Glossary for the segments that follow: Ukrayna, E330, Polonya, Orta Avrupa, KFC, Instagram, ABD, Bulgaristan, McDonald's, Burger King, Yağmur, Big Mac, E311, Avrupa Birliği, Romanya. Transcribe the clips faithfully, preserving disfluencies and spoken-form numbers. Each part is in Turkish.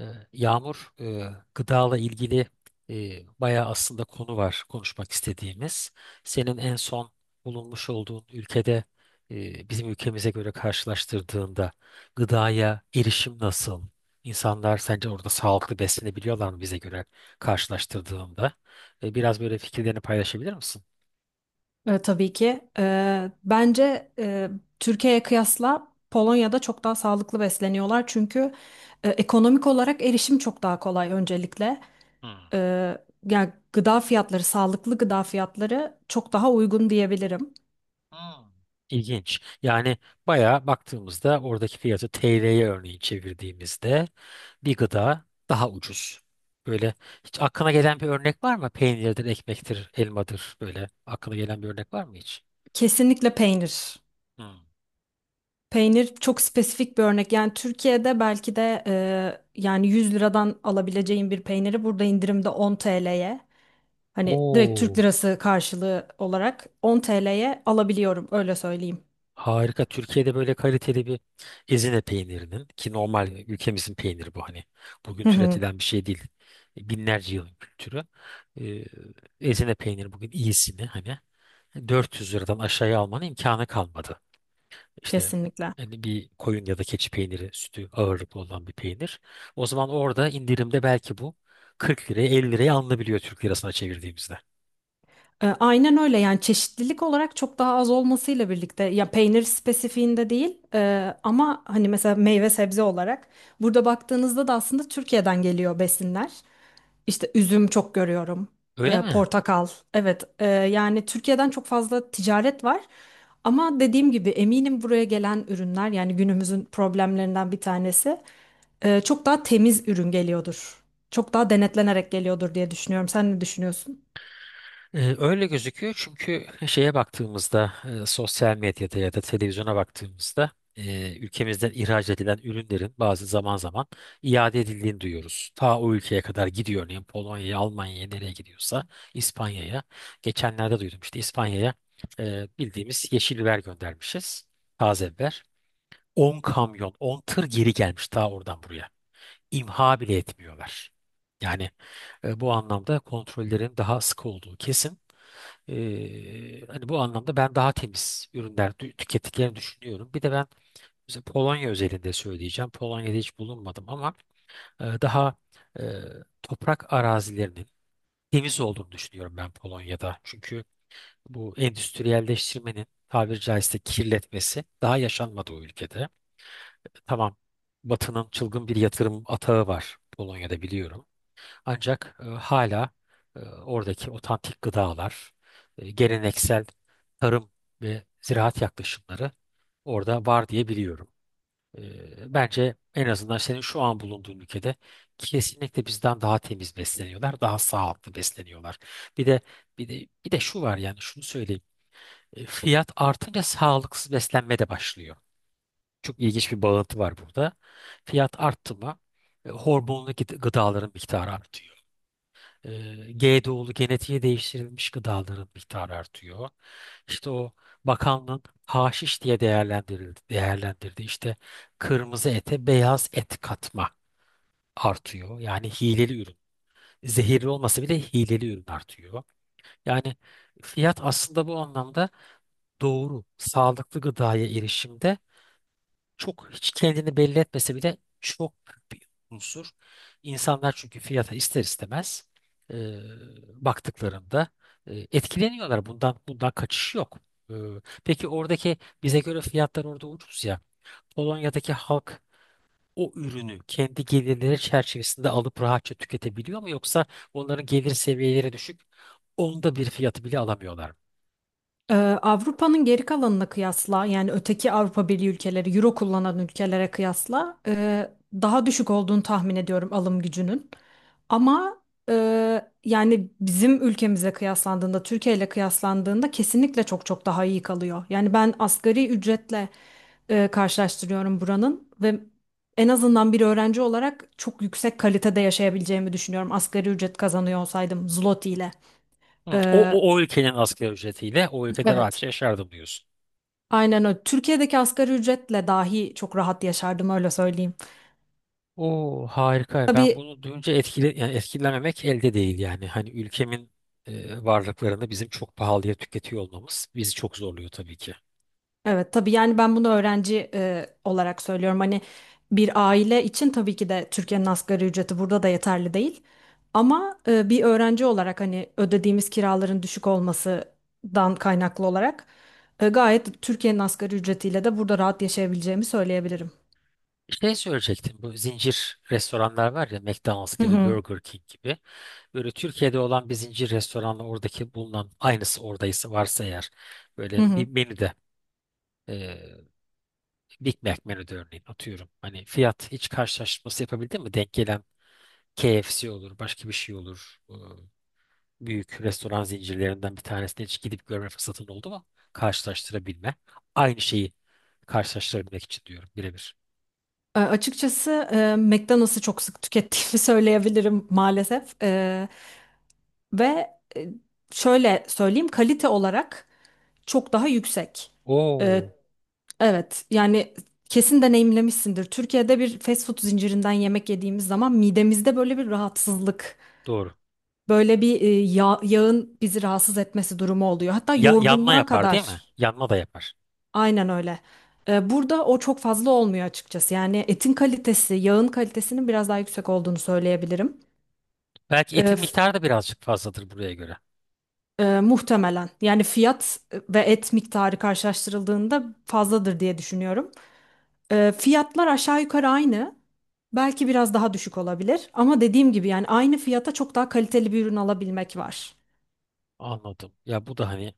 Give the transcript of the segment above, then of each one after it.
Ee, Yağmur, e, gıdala ilgili e, bayağı aslında konu var konuşmak istediğimiz. Senin en son bulunmuş olduğun ülkede e, bizim ülkemize göre karşılaştırdığında gıdaya erişim nasıl? İnsanlar sence orada sağlıklı beslenebiliyorlar mı bize göre karşılaştırdığında? E, biraz böyle fikirlerini paylaşabilir misin? E, tabii ki. E, bence e, Türkiye'ye kıyasla Polonya'da çok daha sağlıklı besleniyorlar. Çünkü e, ekonomik olarak erişim çok daha kolay öncelikle. Hmm. E, Yani gıda fiyatları, sağlıklı gıda fiyatları çok daha uygun diyebilirim. Hmm. İlginç. Yani bayağı baktığımızda oradaki fiyatı T L'ye örneğin çevirdiğimizde bir gıda daha ucuz. Böyle hiç aklına gelen bir örnek var mı? Peynirdir, ekmektir, elmadır, böyle aklına gelen bir örnek var mı hiç? Kesinlikle peynir. Hmm. Peynir çok spesifik bir örnek. Yani Türkiye'de belki de e, yani yüz liradan alabileceğin bir peyniri burada indirimde on T L'ye hani direkt Türk Oo, lirası karşılığı olarak on T L'ye alabiliyorum, öyle söyleyeyim. harika. Türkiye'de böyle kaliteli bir Ezine peynirinin, ki normal ülkemizin peyniri bu hani. Bugün Hı hı. türetilen bir şey değil. Binlerce yılın kültürü. Ee, Ezine peyniri bugün iyisini hani. dört yüz liradan aşağıya almanın imkanı kalmadı. İşte Kesinlikle. hani bir koyun ya da keçi peyniri sütü ağırlıklı olan bir peynir. O zaman orada indirimde belki bu kırk liraya, elli liraya alınabiliyor Türk lirasına çevirdiğimizde. E, aynen öyle, yani çeşitlilik olarak çok daha az olmasıyla birlikte ya peynir spesifiğinde değil, e, ama hani mesela meyve sebze olarak burada baktığınızda da aslında Türkiye'den geliyor besinler. İşte üzüm çok görüyorum. Öyle e, mi? Portakal. Evet, e, yani Türkiye'den çok fazla ticaret var. Ama dediğim gibi eminim buraya gelen ürünler, yani günümüzün problemlerinden bir tanesi, e, çok daha temiz ürün geliyordur. Çok daha denetlenerek geliyordur diye düşünüyorum. Sen ne düşünüyorsun? Ee, Öyle gözüküyor, çünkü şeye baktığımızda, e, sosyal medyada ya da televizyona baktığımızda, e, ülkemizden ihraç edilen ürünlerin bazı zaman zaman iade edildiğini duyuyoruz. Ta o ülkeye kadar gidiyor, örneğin Polonya'ya, Almanya'ya, nereye gidiyorsa İspanya'ya. Geçenlerde duydum işte, İspanya'ya e, bildiğimiz yeşil biber göndermişiz, taze biber. on kamyon, on tır geri gelmiş ta oradan buraya. İmha bile etmiyorlar. Yani e, bu anlamda kontrollerin daha sık olduğu kesin. Ee, hani bu anlamda ben daha temiz ürünler tü- tükettiklerini düşünüyorum. Bir de ben mesela Polonya özelinde söyleyeceğim. Polonya'da hiç bulunmadım ama e, daha e, toprak arazilerinin temiz olduğunu düşünüyorum ben Polonya'da. Çünkü bu endüstriyelleştirmenin tabiri caizse kirletmesi daha yaşanmadı o ülkede. Tamam, Batı'nın çılgın bir yatırım atağı var Polonya'da, biliyorum. Ancak e, hala e, oradaki otantik gıdalar, e, geleneksel tarım ve ziraat yaklaşımları orada var diye biliyorum. E, bence en azından senin şu an bulunduğun ülkede kesinlikle bizden daha temiz besleniyorlar, daha sağlıklı besleniyorlar. Bir de bir de bir de şu var, yani şunu söyleyeyim. E, fiyat artınca sağlıksız beslenme de başlıyor. Çok ilginç bir bağıntı var burada. Fiyat arttı mı e, hormonlu gıd- gıdaların miktarı artıyor. E, G D O'lu, genetiğe değiştirilmiş gıdaların miktarı artıyor. İşte o bakanlığın haşiş diye değerlendirildi, değerlendirdi. İşte kırmızı ete beyaz et katma artıyor. Yani hileli ürün. Zehirli olmasa bile hileli ürün artıyor. Yani fiyat aslında bu anlamda doğru, sağlıklı gıdaya erişimde, çok hiç kendini belli etmese bile çok büyük bir unsur. İnsanlar çünkü fiyata ister istemez e, baktıklarında e, etkileniyorlar. Bundan bundan kaçış yok. E, peki oradaki bize göre fiyatlar orada ucuz ya. Polonya'daki halk o ürünü kendi gelirleri çerçevesinde alıp rahatça tüketebiliyor mu, yoksa onların gelir seviyeleri düşük, onda bir fiyatı bile alamıyorlar mı? Ee, Avrupa'nın geri kalanına kıyasla yani öteki Avrupa Birliği ülkeleri, Euro kullanan ülkelere kıyasla e, daha düşük olduğunu tahmin ediyorum alım gücünün. Ama e, yani bizim ülkemize kıyaslandığında, Türkiye ile kıyaslandığında kesinlikle çok çok daha iyi kalıyor. Yani ben asgari ücretle e, karşılaştırıyorum buranın ve en azından bir öğrenci olarak çok yüksek kalitede yaşayabileceğimi düşünüyorum. Asgari ücret kazanıyor olsaydım zloty ile. Hı. O, Ee, o, o ülkenin asgari ücretiyle o ülkede Evet. rahatça yaşardım diyorsun. Aynen öyle. Türkiye'deki asgari ücretle dahi çok rahat yaşardım, öyle söyleyeyim. O harika. Ben Tabii, bunu duyunca etkile, yani etkilenmemek elde değil yani. Hani ülkemin e, varlıklarını bizim çok pahalıya tüketiyor olmamız bizi çok zorluyor tabii ki. evet, tabii yani ben bunu öğrenci e, olarak söylüyorum. Hani bir aile için tabii ki de Türkiye'nin asgari ücreti burada da yeterli değil. Ama e, bir öğrenci olarak hani ödediğimiz kiraların düşük olmasından kaynaklı olarak e, gayet Türkiye'nin asgari ücretiyle de burada rahat yaşayabileceğimi söyleyebilirim. Şey söyleyecektim, bu zincir restoranlar var ya, McDonald's Hı gibi, hı. Burger King gibi, böyle Türkiye'de olan bir zincir restoranla oradaki bulunan aynısı, oradaysa, varsa eğer, Hı böyle hı. bir menüde e, Big Mac menüde örneğin, atıyorum, hani fiyat hiç karşılaştırması yapabildin mi denk gelen? K F C olur, başka bir şey olur, e, büyük restoran zincirlerinden bir tanesine hiç gidip görme fırsatın oldu mu karşılaştırabilme, aynı şeyi karşılaştırabilmek için diyorum, birebir. E, açıkçası e, McDonald's'ı çok sık tükettiğimi söyleyebilirim maalesef. Ve e, şöyle söyleyeyim, kalite olarak çok daha yüksek. E, Oo, evet, yani kesin deneyimlemişsindir. Türkiye'de bir fast food zincirinden yemek yediğimiz zaman midemizde böyle bir rahatsızlık, doğru. böyle bir e, yağ- yağın bizi rahatsız etmesi durumu oluyor. Hatta Ya, yanma yorgunluğa yapar değil mi? kadar. Yanma da yapar. Aynen öyle. E, burada o çok fazla olmuyor açıkçası. Yani etin kalitesi, yağın kalitesinin biraz daha yüksek olduğunu söyleyebilirim. Belki etin miktarı da birazcık fazladır buraya göre. Ee, muhtemelen. Yani fiyat e, ve et miktarı karşılaştırıldığında fazladır diye düşünüyorum. Ee, fiyatlar aşağı yukarı aynı. Belki biraz daha düşük olabilir. Ama dediğim gibi yani aynı fiyata çok daha kaliteli bir ürün alabilmek var. Anladım. Ya bu da hani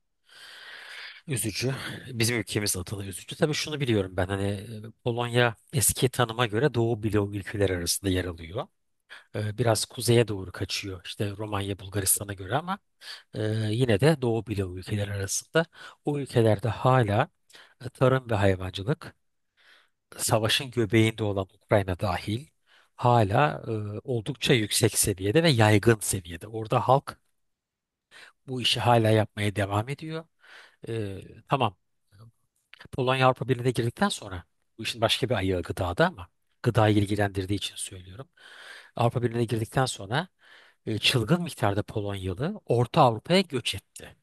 üzücü. Bizim ülkemiz adına üzücü. Tabii şunu biliyorum ben, hani e, Polonya eski tanıma göre Doğu bloğu ülkeler arasında yer alıyor. E, Biraz kuzeye doğru kaçıyor işte Romanya, Bulgaristan'a göre, ama e, yine de Doğu bloğu ülkeler arasında. O ülkelerde hala e, tarım ve hayvancılık, savaşın göbeğinde olan Ukrayna dahil, hala e, oldukça yüksek seviyede ve yaygın seviyede. Orada halk bu işi hala yapmaya devam ediyor. E, tamam. Polonya Avrupa Birliği'ne girdikten sonra, bu işin başka bir ayağı gıdada ama gıdayı ilgilendirdiği için söylüyorum. Avrupa Birliği'ne girdikten sonra e, çılgın miktarda Polonyalı Orta Avrupa'ya göç etti.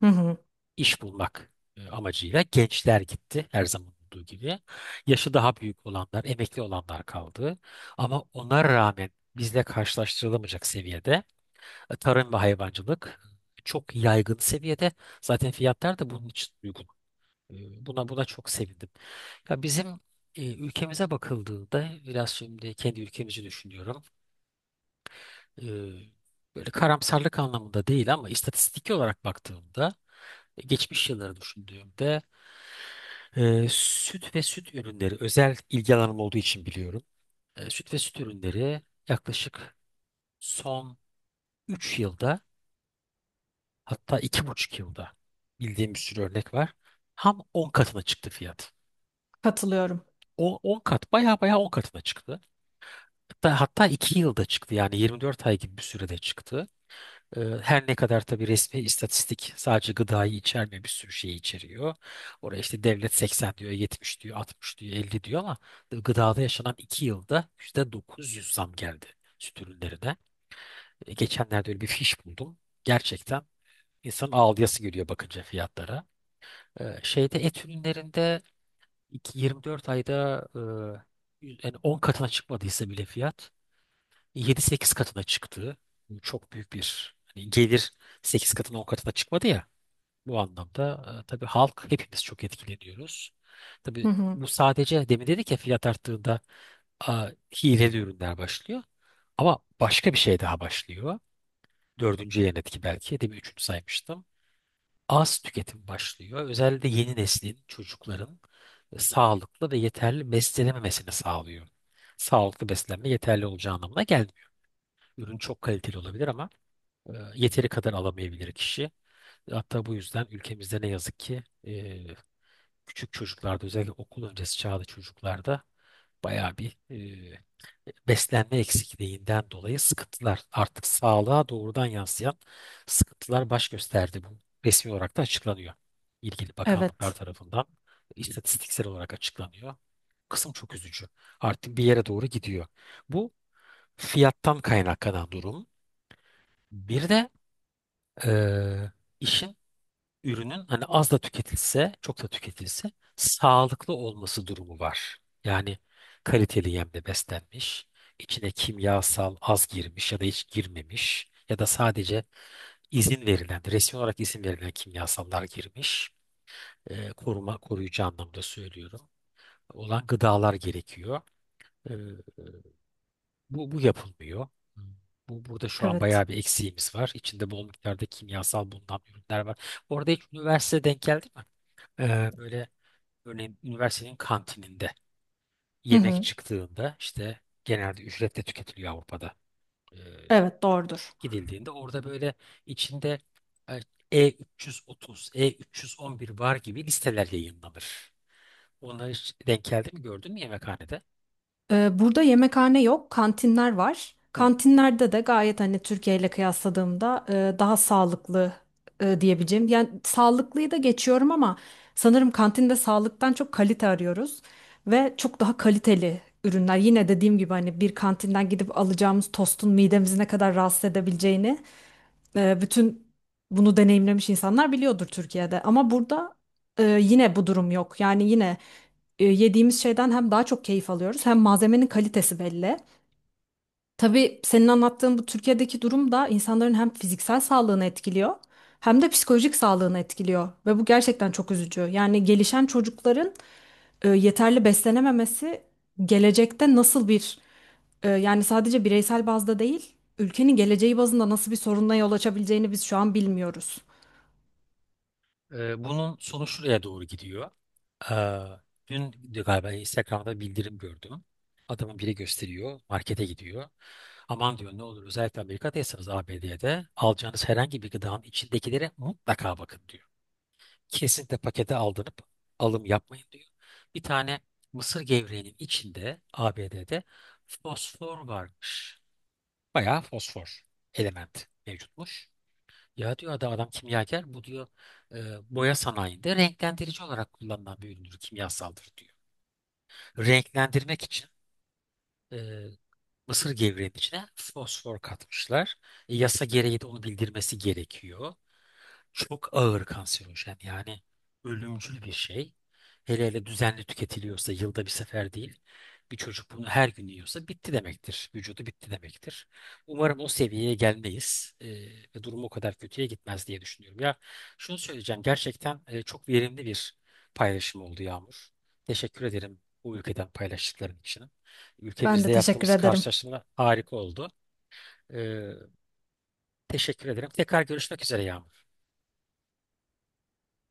Hı hı. İş bulmak e, amacıyla gençler gitti, her zaman olduğu gibi. Yaşı daha büyük olanlar, emekli olanlar kaldı. Ama ona rağmen bizle karşılaştırılamayacak seviyede e, tarım ve hayvancılık çok yaygın seviyede. Zaten fiyatlar da bunun için uygun. E, Buna buna çok sevindim. Ya bizim e, ülkemize bakıldığında, biraz şimdi kendi ülkemizi düşünüyorum. E, Böyle karamsarlık anlamında değil ama istatistik olarak baktığımda, e, geçmiş yılları düşündüğümde, Ee, süt ve süt ürünleri özel ilgi alanım olduğu için biliyorum. Ee, süt ve süt ürünleri yaklaşık son üç yılda, hatta iki buçuk yılda, bildiğim bir sürü örnek var. Ham on katına çıktı fiyat. Katılıyorum. O on kat, baya baya on katına çıktı. Hatta, hatta iki yılda çıktı yani, yirmi dört ay gibi bir sürede çıktı. Ee, Her ne kadar tabii resmi istatistik sadece gıdayı içermiyor, bir sürü şeyi içeriyor. Oraya işte devlet seksen diyor, yetmiş diyor, altmış diyor, elli diyor, ama gıdada yaşanan iki yılda yüzde dokuz yüz zam geldi süt ürünlerine. E, Geçenlerde öyle bir fiş buldum. Gerçekten insanın ağlayası geliyor bakınca fiyatlara. Ee, Şeyde, et ürünlerinde, iki- yirmi dört ayda e, yüz- yani on katına çıkmadıysa bile fiyat, yedi sekiz katına çıktı. Bu çok büyük bir, hani gelir sekiz katına, on katına çıkmadı ya. Bu anlamda e, tabii halk, hepimiz çok etkileniyoruz. Tabii Hı hı. bu sadece, demin dedik ya, fiyat arttığında e, hileli ürünler başlıyor. Ama başka bir şey daha başlıyor. Dördüncü yan etki belki. Demin üçüncü saymıştım. Az tüketim başlıyor. Özellikle yeni neslin, çocukların e, sağlıklı ve yeterli beslenememesini sağlıyor. Sağlıklı beslenme yeterli olacağı anlamına gelmiyor. Ürün çok kaliteli olabilir ama e, yeteri kadar alamayabilir kişi. Hatta bu yüzden ülkemizde ne yazık ki e, küçük çocuklarda, özellikle okul öncesi çağda çocuklarda, bayağı bir e, beslenme eksikliğinden dolayı sıkıntılar, artık sağlığa doğrudan yansıyan sıkıntılar baş gösterdi. Bu resmi olarak da açıklanıyor. İlgili bakanlıklar Evet. tarafından istatistiksel olarak açıklanıyor. Kısım çok üzücü. Artık bir yere doğru gidiyor. Bu fiyattan kaynaklanan durum. Bir de e, işin, ürünün, hani az da tüketilse, çok da tüketilse sağlıklı olması durumu var. Yani kaliteli yemle beslenmiş, içine kimyasal az girmiş ya da hiç girmemiş ya da sadece izin verilen, resmi olarak izin verilen kimyasallar girmiş. Ee, koruma, koruyucu anlamda söylüyorum. Olan gıdalar gerekiyor. Ee, bu, bu yapılmıyor. Hmm. Bu, burada şu an Evet. bayağı bir eksiğimiz var. İçinde bol miktarda kimyasal bulunan ürünler var. Orada hiç üniversite denk geldi mi? Ee, böyle, örneğin üniversitenin kantininde Hı yemek hı. çıktığında, işte genelde ücretle tüketiliyor Avrupa'da. Ee, Evet, doğrudur. Gidildiğinde orada böyle içinde e, E330, E üç yüz on bir var gibi listeler yayınlanır. Onları hiç denk geldi mi, gördün mü yemekhanede? Ee, Burada yemekhane yok, kantinler var. Hı. Kantinlerde de gayet, hani Türkiye ile kıyasladığımda e, daha sağlıklı, e, diyebileceğim. Yani sağlıklıyı da geçiyorum ama sanırım kantinde sağlıktan çok kalite arıyoruz ve çok daha kaliteli ürünler. Yine dediğim gibi hani bir kantinden gidip alacağımız tostun midemizi ne kadar rahatsız edebileceğini, e, bütün bunu deneyimlemiş insanlar biliyordur Türkiye'de. Ama burada e, yine bu durum yok. Yani yine e, yediğimiz şeyden hem daha çok keyif alıyoruz hem malzemenin kalitesi belli. Tabii senin anlattığın bu Türkiye'deki durum da insanların hem fiziksel sağlığını etkiliyor hem de psikolojik sağlığını etkiliyor ve bu gerçekten çok üzücü. Yani gelişen çocukların e, yeterli beslenememesi gelecekte nasıl bir, e, yani sadece bireysel bazda değil ülkenin geleceği bazında nasıl bir sorunla yol açabileceğini biz şu an bilmiyoruz. Ee, bunun sonu şuraya doğru gidiyor. Ee, Dün galiba Instagram'da bildirim gördüm. Adamın biri gösteriyor, markete gidiyor. Aman diyor, ne olur özellikle Amerika'daysanız, A B D'de de alacağınız herhangi bir gıdanın içindekilere mutlaka bakın diyor. Kesinlikle pakete aldanıp alım yapmayın diyor. Bir tane mısır gevreğinin içinde A B D'de fosfor varmış. Bayağı fosfor element mevcutmuş. Ya diyor adam, adam kimyager bu diyor, e, boya sanayinde renklendirici olarak kullanılan bir üründür, kimyasaldır diyor. Renklendirmek için e, mısır gevreğine fosfor katmışlar. E, yasa gereği de onu bildirmesi gerekiyor. Çok ağır kanserojen, yani ölümcül bir şey. Hele hele düzenli tüketiliyorsa, yılda bir sefer değil. Bir çocuk bunu her gün yiyorsa bitti demektir. Vücudu bitti demektir. Umarım o seviyeye gelmeyiz e, ve durum o kadar kötüye gitmez diye düşünüyorum. Ya şunu söyleyeceğim, gerçekten e, çok verimli bir paylaşım oldu Yağmur. Teşekkür ederim bu ülkeden paylaştıkların için. Ben Ülkemizde de teşekkür yaptığımız ederim. karşılaşma harika oldu. Ee, teşekkür ederim. Tekrar görüşmek üzere Yağmur.